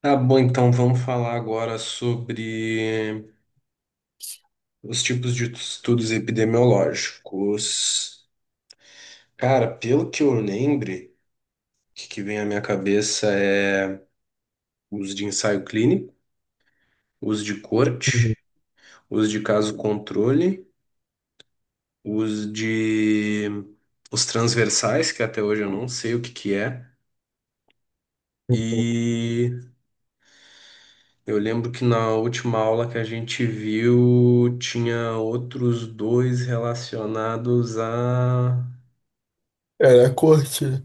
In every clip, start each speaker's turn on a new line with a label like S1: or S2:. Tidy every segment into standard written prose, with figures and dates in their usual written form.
S1: Tá bom, então vamos falar agora sobre os tipos de estudos epidemiológicos. Cara, pelo que eu lembre, o que que vem à minha cabeça é os de ensaio clínico, os de
S2: Uhum,
S1: corte, os de caso controle, os de os transversais, que até hoje eu não sei o que que é.
S2: uhum.
S1: E eu lembro que na última aula que a gente viu, tinha outros dois relacionados a.
S2: Era corte.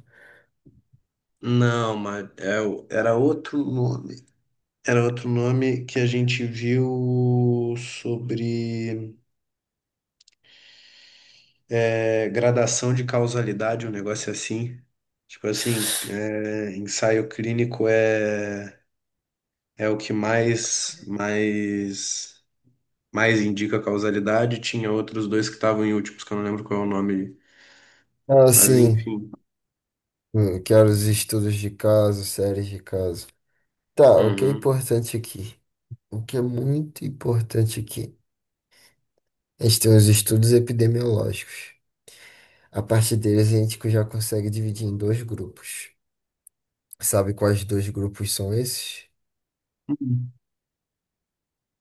S1: Não, mas era outro nome. Era outro nome que a gente viu sobre gradação de causalidade, um negócio assim. Tipo assim, ensaio clínico é o que mais indica causalidade. Tinha outros dois que estavam em últimos, que eu não lembro qual é o nome,
S2: Ah,
S1: mas
S2: sim.
S1: enfim.
S2: Eu quero os estudos de caso, séries de caso. Tá, o que é
S1: Uhum.
S2: importante aqui? O que é muito importante aqui? A gente tem os estudos epidemiológicos. A partir deles, a gente já consegue dividir em dois grupos. Sabe quais dois grupos são esses?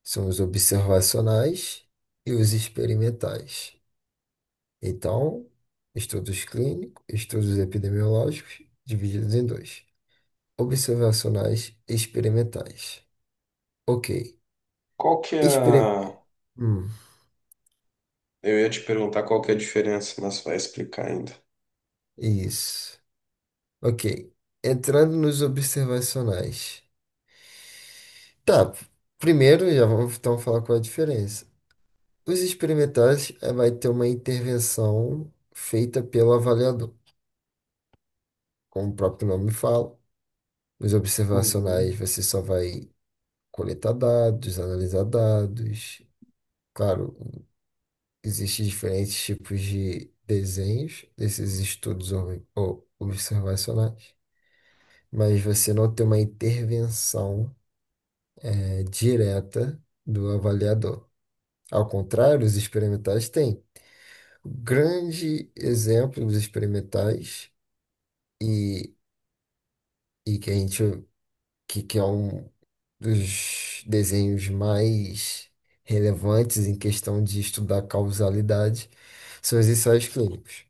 S2: São os observacionais e os experimentais. Então, estudos clínicos, estudos epidemiológicos, divididos em dois. Observacionais experimentais. Ok.
S1: Qual que é
S2: Experim...
S1: a.
S2: Hum,
S1: Eu ia te perguntar qual que é a diferença, mas vai explicar ainda.
S2: isso. Ok. Entrando nos observacionais. Tá. Primeiro, já vamos então falar qual é a diferença. Os experimentais vai ter uma intervenção feita pelo avaliador, como o próprio nome fala. Os observacionais,
S1: Uhum.
S2: você só vai coletar dados, analisar dados. Claro, existem diferentes tipos de desenhos desses estudos observacionais, mas você não tem uma intervenção direta do avaliador. Ao contrário, os experimentais têm. O grande exemplo dos experimentais e, e que a gente que é um dos desenhos mais relevantes em questão de estudar causalidade são os ensaios clínicos.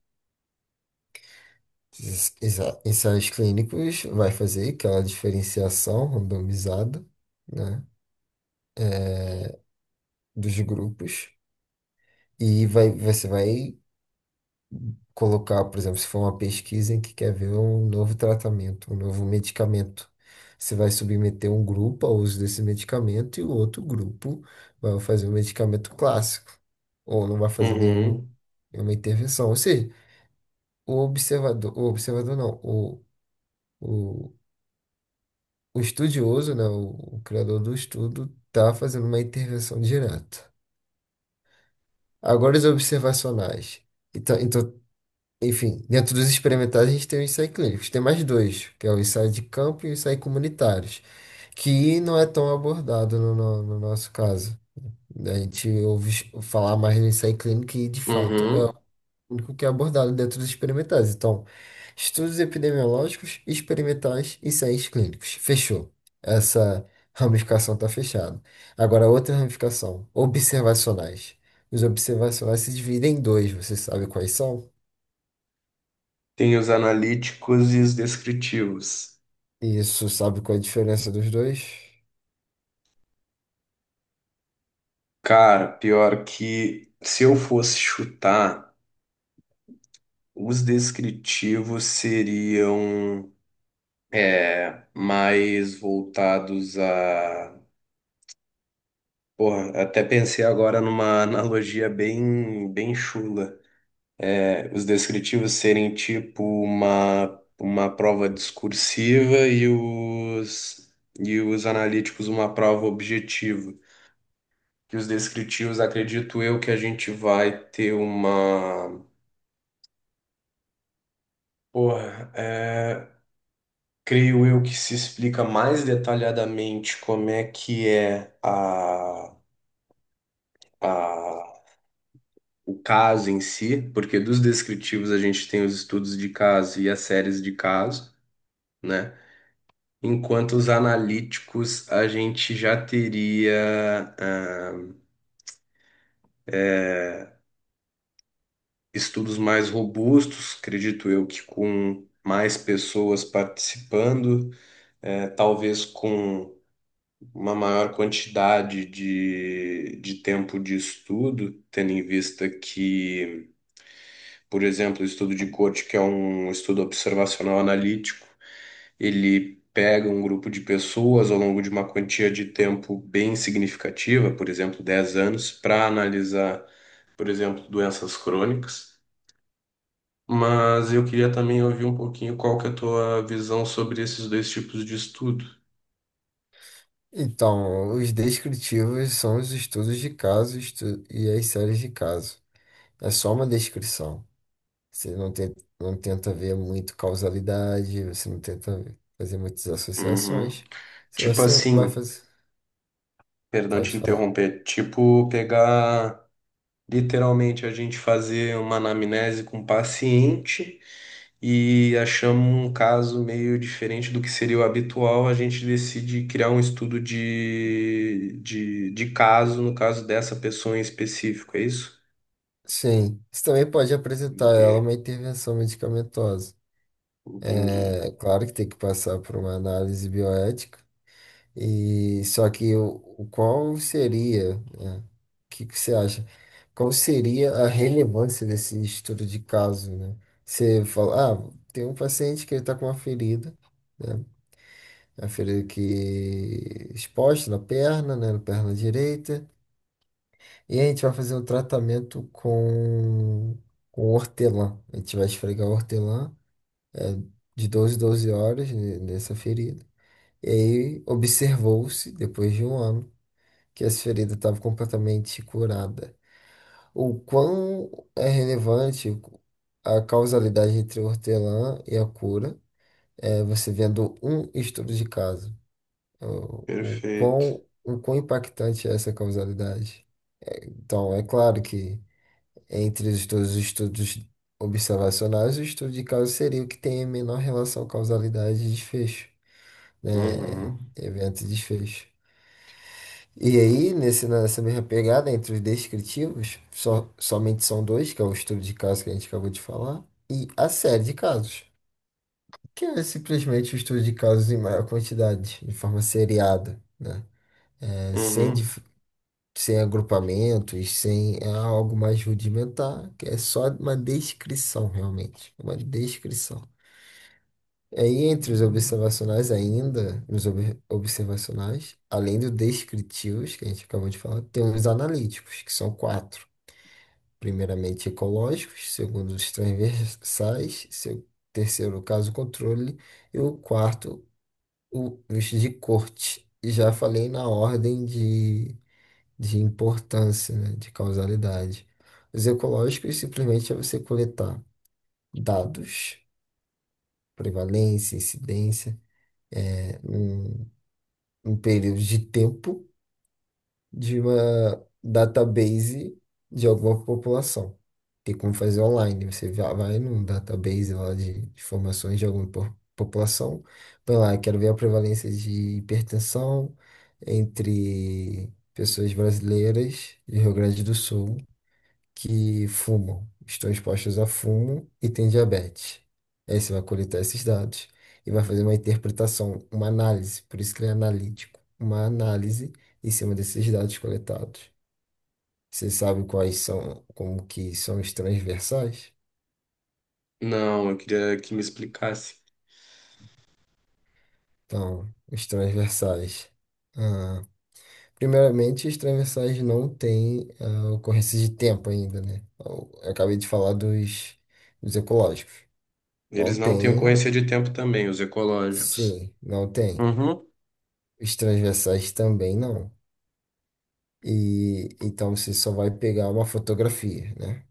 S2: Ensaios clínicos vai fazer aquela diferenciação randomizada, né, dos grupos e você vai colocar, por exemplo, se for uma pesquisa em que quer ver um novo tratamento, um novo medicamento, você vai submeter um grupo ao uso desse medicamento e o outro grupo vai fazer o medicamento clássico ou não vai fazer nenhum,
S1: Uhum,
S2: nenhuma intervenção. Ou seja, o observador não, o, o estudioso, né, o criador do estudo, está fazendo uma intervenção direta. Agora, os observacionais. Então, enfim, dentro dos experimentais, a gente tem o ensaio clínico. Tem mais dois, que é o ensaio de campo e o ensaio comunitários, que não é tão abordado no nosso caso. Né? A gente ouve falar mais do ensaio clínico e, de fato,
S1: uhum.
S2: único que é abordado dentro dos experimentais. Então, estudos epidemiológicos, experimentais e ensaios clínicos. Fechou. Essa ramificação está fechada. Agora, outra ramificação, observacionais. Os observacionais se dividem em dois, você sabe quais são?
S1: Tem os analíticos e os descritivos.
S2: Isso, sabe qual é a diferença dos dois?
S1: Cara, pior que se eu fosse chutar, os descritivos seriam mais voltados a. Porra, até pensei agora numa analogia bem, bem chula. É, os descritivos serem tipo uma prova discursiva e os analíticos uma prova objetiva. Que os descritivos, acredito eu que a gente vai ter uma. Porra, creio eu que se explica mais detalhadamente como é que é a, a, o caso em si, porque dos descritivos a gente tem os estudos de caso e as séries de caso, né? Enquanto os analíticos a gente já teria estudos mais robustos, acredito eu que com mais pessoas participando, talvez com uma maior quantidade de tempo de estudo, tendo em vista que, por exemplo, o estudo de Coach, que é um estudo observacional analítico, ele pega um grupo de pessoas ao longo de uma quantia de tempo bem significativa, por exemplo, 10 anos, para analisar, por exemplo, doenças crônicas. Mas eu queria também ouvir um pouquinho qual que é a tua visão sobre esses dois tipos de estudo.
S2: Então, os descritivos são os estudos de caso e as séries de caso. É só uma descrição. Você não tenta ver muito causalidade, você não tenta fazer muitas
S1: Uhum.
S2: associações. Se
S1: Tipo
S2: você vai
S1: assim,
S2: fazer,
S1: perdão
S2: pode
S1: te
S2: falar.
S1: interromper. Tipo, pegar literalmente a gente fazer uma anamnese com o paciente e achamos um caso meio diferente do que seria o habitual, a gente decide criar um estudo de caso, no caso dessa pessoa em específico, é isso?
S2: Sim, você também pode apresentar a ela uma
S1: Entendi.
S2: intervenção medicamentosa.
S1: Entendi.
S2: É claro que tem que passar por uma análise bioética, e só que o qual seria, né? O que que você acha? Qual seria a relevância desse estudo de caso, né? Você fala, ah, tem um paciente que ele está com uma ferida. Né? A ferida aqui exposta na perna, né? Na perna direita. E a gente vai fazer um tratamento com hortelã. A gente vai esfregar hortelã é, de 12 em 12 horas nessa ferida. E aí observou-se, depois de um ano, que essa ferida estava completamente curada. O quão é relevante a causalidade entre o hortelã e a cura, você vendo um estudo de caso. o, o
S1: Perfeito.
S2: quão, o quão impactante é essa causalidade. Então, é claro que entre os todos os estudos observacionais, o estudo de caso seria o que tem a menor relação causalidade e desfecho, né?
S1: Uhum.
S2: Evento e desfecho. E aí, nessa mesma pegada, entre os descritivos, somente são dois, que é o estudo de caso que a gente acabou de falar, e a série de casos, que é simplesmente o estudo de casos em maior quantidade, de forma seriada, né? É, sem,
S1: Uhum.
S2: dif- sem agrupamentos, sem é algo mais rudimentar, que é só uma descrição, realmente, uma descrição. Aí, entre os observacionais ainda, nos observacionais, além dos descritivos, que a gente acabou de falar, tem os analíticos, que são quatro. Primeiramente, ecológicos, segundo, os transversais, seu, terceiro, caso controle, e o quarto, os de corte. E já falei na ordem de importância, né, de causalidade. Os ecológicos simplesmente é você coletar dados, prevalência, incidência, né, um período de tempo de uma database de alguma população. Tem como fazer online, você vai num database lá de informações de alguma população, vai lá, quero ver a prevalência de hipertensão entre pessoas brasileiras do Rio Grande do Sul, que fumam, estão expostos a fumo e têm diabetes. Aí você vai coletar esses dados e vai fazer uma interpretação, uma análise, por isso que ele é analítico, uma análise em cima desses dados coletados. Você sabe quais são, como que são os transversais?
S1: Não, eu queria que me explicasse.
S2: Então, os transversais. Ah, primeiramente, os transversais não têm, ah, ocorrência de tempo ainda, né? Eu acabei de falar dos, ecológicos. Não
S1: Eles não têm
S2: tem,
S1: ocorrência de tempo também, os ecológicos.
S2: sim, não tem.
S1: Uhum.
S2: Os transversais também não. E então você só vai pegar uma fotografia, né?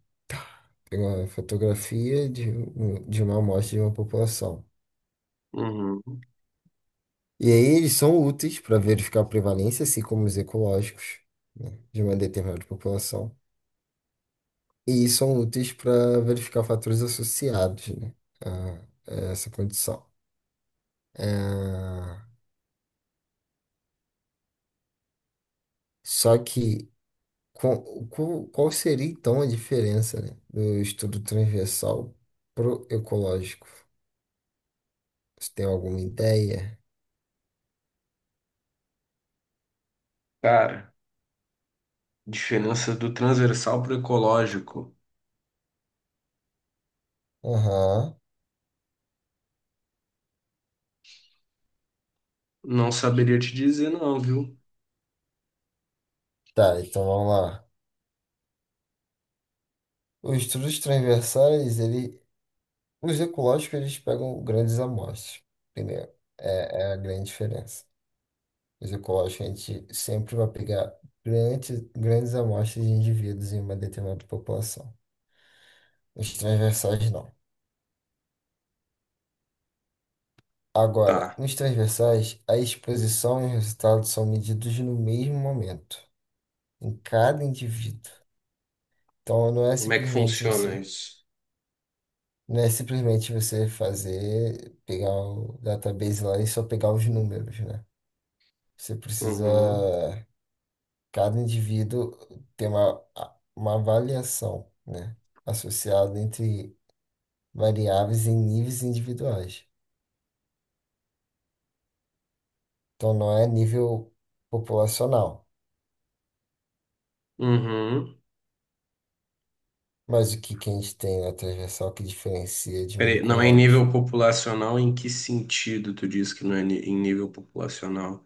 S2: Pegar uma fotografia de uma amostra de uma população.
S1: Uhum.
S2: E aí eles são úteis para verificar a prevalência, assim como os ecológicos, né? De uma determinada população. E são úteis para verificar fatores associados, né? A, a essa condição. Ah, só que qual seria então a diferença, né, do estudo transversal pro ecológico? Você tem alguma ideia?
S1: Cara, diferença do transversal pro ecológico.
S2: Aham.
S1: Não saberia te dizer, não, viu?
S2: Tá, então vamos lá. Os estudos transversais, ele, os ecológicos, eles pegam grandes amostras. Primeiro, é a grande diferença. Os ecológicos, a gente sempre vai pegar grandes, grandes amostras de indivíduos em uma determinada população. Os transversais, não. Agora,
S1: Tá.
S2: nos transversais, a exposição e os resultados são medidos no mesmo momento, em cada indivíduo. Então, não é
S1: Como é que
S2: simplesmente
S1: funciona
S2: você.
S1: isso?
S2: Não é simplesmente você fazer, pegar o database lá e só pegar os números, né? Você precisa,
S1: Uhum.
S2: cada indivíduo ter uma avaliação, né? Associada entre variáveis em níveis individuais. Então não é nível populacional,
S1: Uhum.
S2: mas o que, que a gente tem na transversal que diferencia de um
S1: Peraí, não é em
S2: ecológico?
S1: nível populacional? Em que sentido tu diz que não é em nível populacional?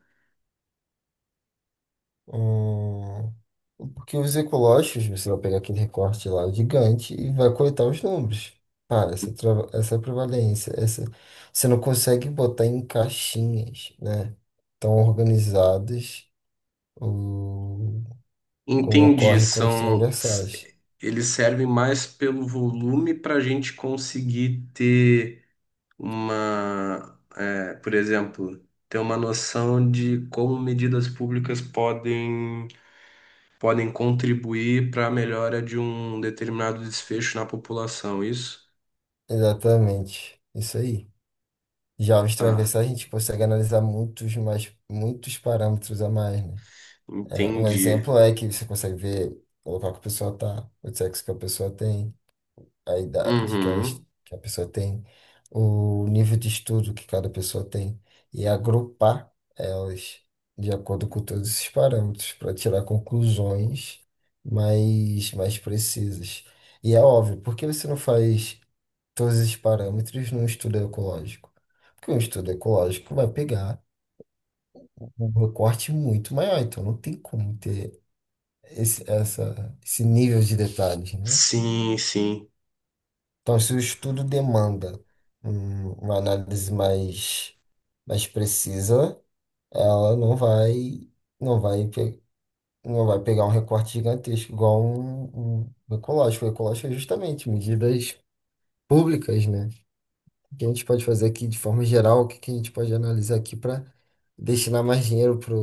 S2: Porque os ecológicos, você vai pegar aquele recorte lá gigante e vai coletar os números. Cara, essa prevalência, essa, você não consegue botar em caixinhas, né? Tão organizadas, o, como
S1: Entendi.
S2: ocorre com os
S1: São. s-.
S2: transversais.
S1: Eles servem mais pelo volume para a gente conseguir ter uma. Por exemplo, ter uma noção de como medidas públicas podem contribuir para a melhora de um determinado desfecho na população, isso?
S2: Exatamente, isso aí. Já os
S1: ah
S2: transversais a gente consegue analisar muitos parâmetros a mais, né? É, um
S1: Entendi.
S2: exemplo é que você consegue ver, colocar que a pessoa tá, o sexo que a pessoa tem, a idade que, elas,
S1: Uhum.
S2: que a pessoa tem, o nível de estudo que cada pessoa tem, e agrupar elas de acordo com todos esses parâmetros para tirar conclusões mais precisas. E é óbvio, por que você não faz todos esses parâmetros num estudo ecológico? Porque um estudo ecológico vai pegar um recorte muito maior, então não tem como ter esse nível de detalhes, né?
S1: Sim, sim.
S2: Então, se o estudo demanda uma análise mais precisa, ela não vai, pe- não vai pegar um recorte gigantesco, igual um ecológico. O ecológico é justamente medidas públicas, né? O que a gente pode fazer aqui de forma geral, o que que a gente pode analisar aqui para destinar mais dinheiro para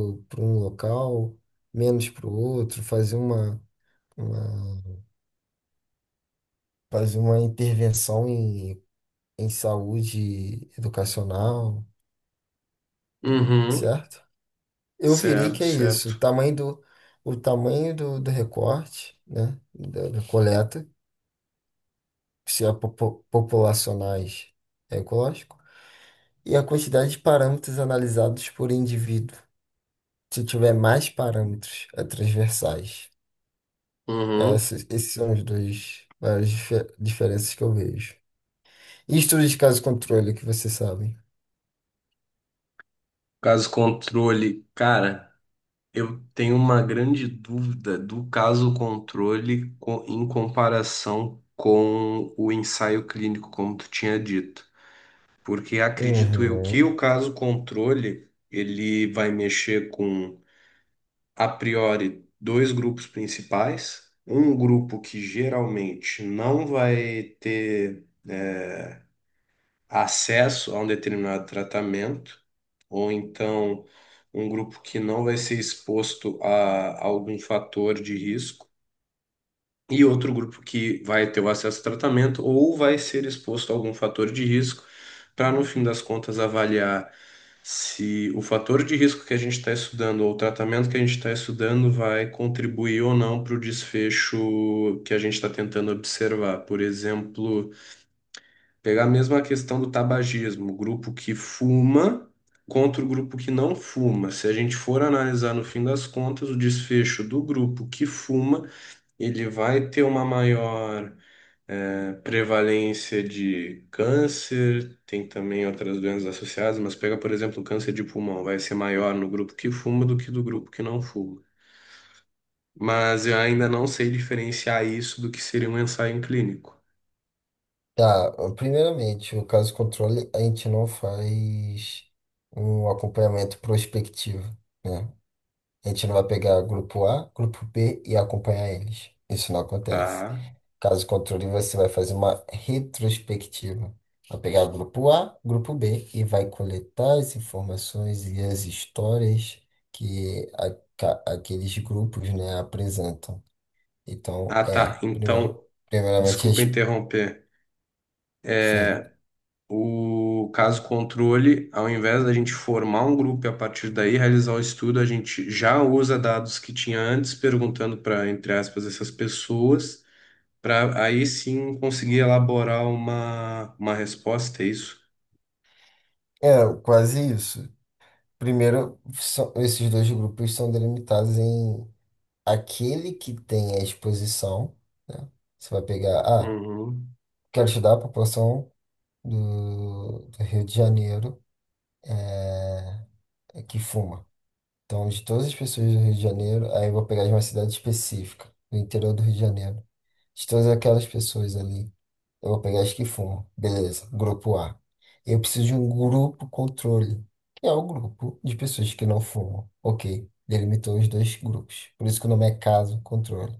S2: um local, menos para o outro, fazer uma, uma intervenção em saúde educacional.
S1: Uhum.
S2: Certo? Eu virei que
S1: Certo,
S2: é isso, o
S1: certo.
S2: tamanho do, o tamanho do, do recorte, né, da coleta, se é populacionais, é ecológico, e a quantidade de parâmetros analisados por indivíduo. Se tiver mais parâmetros, é transversais.
S1: Uhum.
S2: Esses são os dois as diferenças que eu vejo. E estudo de caso controle, que vocês sabem.
S1: Caso controle, cara, eu tenho uma grande dúvida do caso controle em comparação com o ensaio clínico, como tu tinha dito. Porque acredito eu que
S2: Uhum.
S1: o caso controle, ele vai mexer com, a priori, dois grupos principais. Um grupo que geralmente não vai ter, acesso a um determinado tratamento, ou então um grupo que não vai ser exposto a algum fator de risco e outro grupo que vai ter o acesso a tratamento ou vai ser exposto a algum fator de risco, para no fim das contas avaliar se o fator de risco que a gente está estudando ou o tratamento que a gente está estudando vai contribuir ou não para o desfecho que a gente está tentando observar. Por exemplo, pegar mesmo a questão do tabagismo, o grupo que fuma. Contra o grupo que não fuma. Se a gente for analisar no fim das contas, o desfecho do grupo que fuma, ele vai ter uma maior, prevalência de câncer, tem também outras doenças associadas, mas pega, por exemplo, o câncer de pulmão, vai ser maior no grupo que fuma do que do grupo que não fuma. Mas eu ainda não sei diferenciar isso do que seria um ensaio clínico,
S2: Tá, primeiramente, o caso controle, a gente não faz um acompanhamento prospectivo, né? A gente não vai pegar grupo A, grupo B e acompanhar eles. Isso não acontece.
S1: tá?
S2: Caso controle, você vai fazer uma retrospectiva. Vai pegar grupo A, grupo B e vai coletar as informações e as histórias que aqueles grupos, né, apresentam. Então,
S1: Ah, tá.
S2: primeiro,
S1: Então,
S2: primeiramente,
S1: desculpa interromper. É,
S2: sim,
S1: O caso controle, ao invés da gente formar um grupo e a partir daí realizar o estudo, a gente já usa dados que tinha antes, perguntando para, entre aspas, essas pessoas, para aí sim conseguir elaborar uma resposta, é isso?
S2: é quase isso. Primeiro, esses dois grupos são delimitados em aquele que tem a exposição, né? Você vai pegar, ah,
S1: Uhum,
S2: quero estudar a população do Rio de Janeiro, que fuma. Então, de todas as pessoas do Rio de Janeiro, aí eu vou pegar de uma cidade específica, do interior do Rio de Janeiro, de todas aquelas pessoas ali. Eu vou pegar as que fumam. Beleza, grupo A. Eu preciso de um grupo controle, que é o grupo de pessoas que não fumam. Ok, delimitou os dois grupos. Por isso que o nome é caso controle.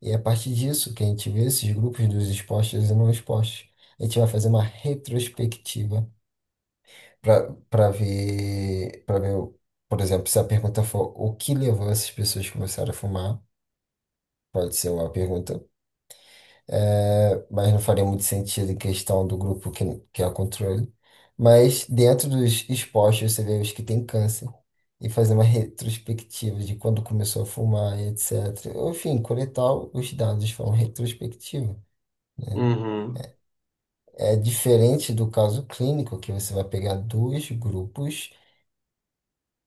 S2: E é a partir disso, que a gente vê esses grupos dos expostos e não expostos, a gente vai fazer uma retrospectiva para ver, por exemplo, se a pergunta for o que levou essas pessoas a começar a fumar, pode ser uma pergunta, mas não faria muito sentido em questão do grupo que é o controle. Mas dentro dos expostos, você vê os que têm câncer e fazer uma retrospectiva de quando começou a fumar e etc. Enfim, coletar os dados de forma retrospectiva.
S1: uhum,
S2: É diferente do caso clínico, que você vai pegar dois grupos,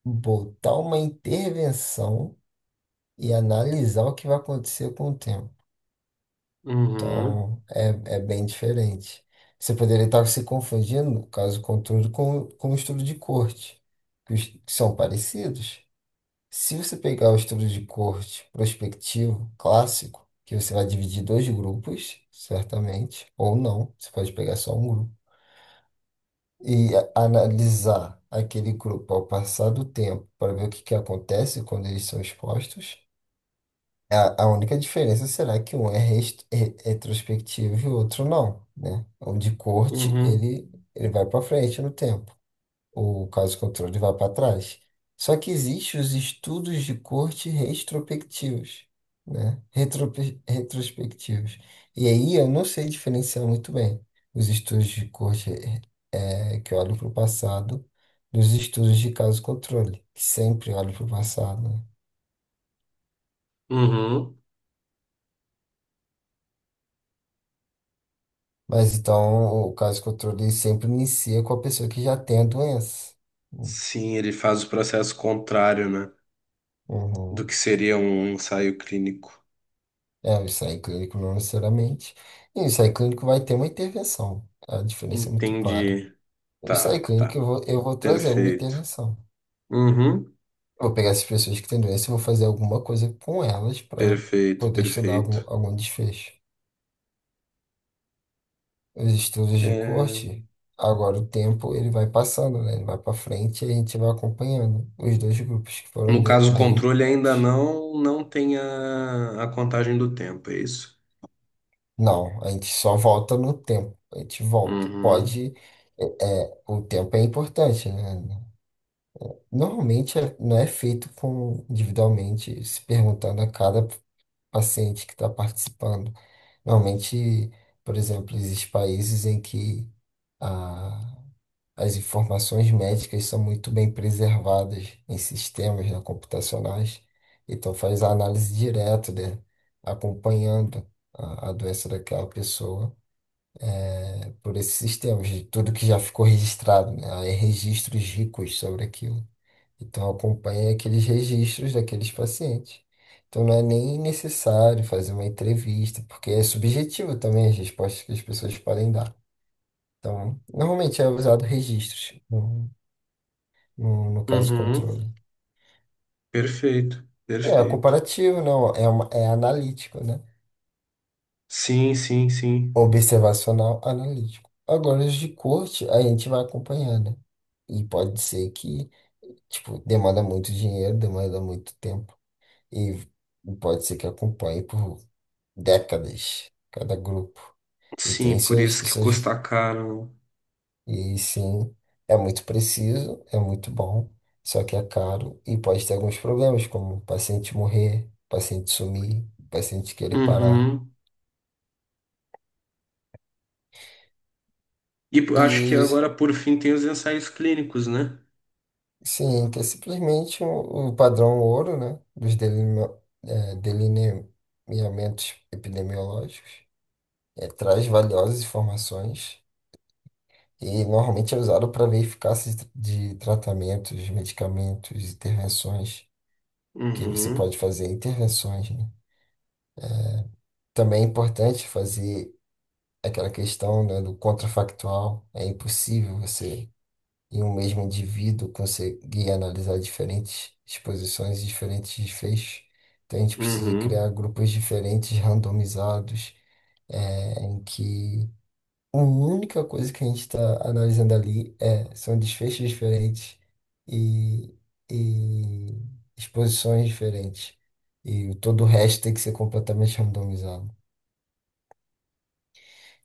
S2: botar uma intervenção e analisar o que vai acontecer com o tempo.
S1: uhum,
S2: Então, é bem diferente. Você poderia estar se confundindo, caso contrário, com o estudo de corte, que são parecidos. Se você pegar o estudo de corte prospectivo, clássico, que você vai dividir dois grupos, certamente, ou não, você pode pegar só um grupo, e analisar aquele grupo ao passar do tempo para ver o que acontece quando eles são expostos, A, a única diferença será que um é retrospectivo e o outro não, né? O de corte,
S1: uhum,
S2: ele vai para frente no tempo. O caso controle vai para trás. Só que existem os estudos de corte retrospectivos, né? Retrospectivos. E aí eu não sei diferenciar muito bem os estudos de corte que olham para o passado dos estudos de caso controle, que sempre olham para o passado, né?
S1: uhum.
S2: Mas então o caso de controle sempre inicia com a pessoa que já tem a doença.
S1: Sim, ele faz o processo contrário, né, do
S2: Uhum.
S1: que seria um ensaio clínico.
S2: É, o ensaio clínico não necessariamente. E o ensaio clínico vai ter uma intervenção. A diferença é muito clara.
S1: Entendi.
S2: O ensaio
S1: Tá,
S2: clínico
S1: tá.
S2: eu vou trazer alguma
S1: Perfeito.
S2: intervenção.
S1: Uhum.
S2: Eu vou pegar essas pessoas que têm doença e vou fazer alguma coisa com elas para
S1: Perfeito,
S2: poder estudar algum,
S1: perfeito.
S2: algum desfecho. Os estudos de
S1: É,
S2: corte, agora o tempo ele vai passando, né? Ele vai para frente e a gente vai acompanhando os dois grupos que foram
S1: no caso, o controle ainda
S2: delimitados.
S1: não tem a contagem do tempo, é isso?
S2: Não, a gente só volta no tempo. A gente volta.
S1: Uhum,
S2: Pode. É, o tempo é importante, né? Normalmente não é feito com individualmente, se perguntando a cada paciente que está participando. Normalmente, por exemplo, existem países em que a- as informações médicas são muito bem preservadas em sistemas, né, computacionais. Então faz a análise direta, né? Acompanhando a doença daquela pessoa. É por esses sistemas, de tudo que já ficou registrado, né? Há registros ricos sobre aquilo. Então acompanha aqueles registros daqueles pacientes. Então não é nem necessário fazer uma entrevista, porque é subjetivo também as respostas que as pessoas podem dar. Então, normalmente é usado registros no caso
S1: uhum,
S2: controle.
S1: perfeito,
S2: E é
S1: perfeito.
S2: comparativo, não, é analítico, né?
S1: Sim, sim, sim.
S2: Observacional analítico. Agora, os de corte, a gente vai acompanhando. E pode ser que, tipo, demanda muito dinheiro, demanda muito tempo. E pode ser que acompanhe por décadas cada grupo. E tem
S1: Sim, por
S2: suas,
S1: isso que
S2: suas...
S1: custa caro.
S2: E sim, é muito preciso, é muito bom, só que é caro e pode ter alguns problemas, como o paciente morrer, paciente sumir, paciente querer parar.
S1: Uhum. E
S2: E
S1: acho que
S2: os-
S1: agora, por fim, tem os ensaios clínicos, né?
S2: Sim, que é simplesmente o padrão ouro, né? Dos eh, delineamentos epidemiológicos. Traz valiosas informações e normalmente é usado para ver eficácia de tratamentos, medicamentos, intervenções, que você
S1: Uhum,
S2: pode fazer intervenções, né? Também é importante fazer aquela questão, né, do contrafactual. É impossível você e um mesmo indivíduo conseguir analisar diferentes exposições e diferentes desfechos. Então a gente precisa criar
S1: uhum.
S2: grupos diferentes, randomizados, é, em que a única coisa que a gente está analisando ali são desfechos diferentes e, e exposições diferentes. E todo o resto tem que ser completamente randomizado.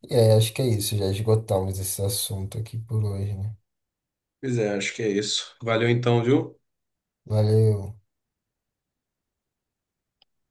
S2: E aí, acho que é isso, já esgotamos esse assunto aqui por hoje, né?
S1: Pois é, acho que é isso. Valeu então, viu?
S2: Valeu.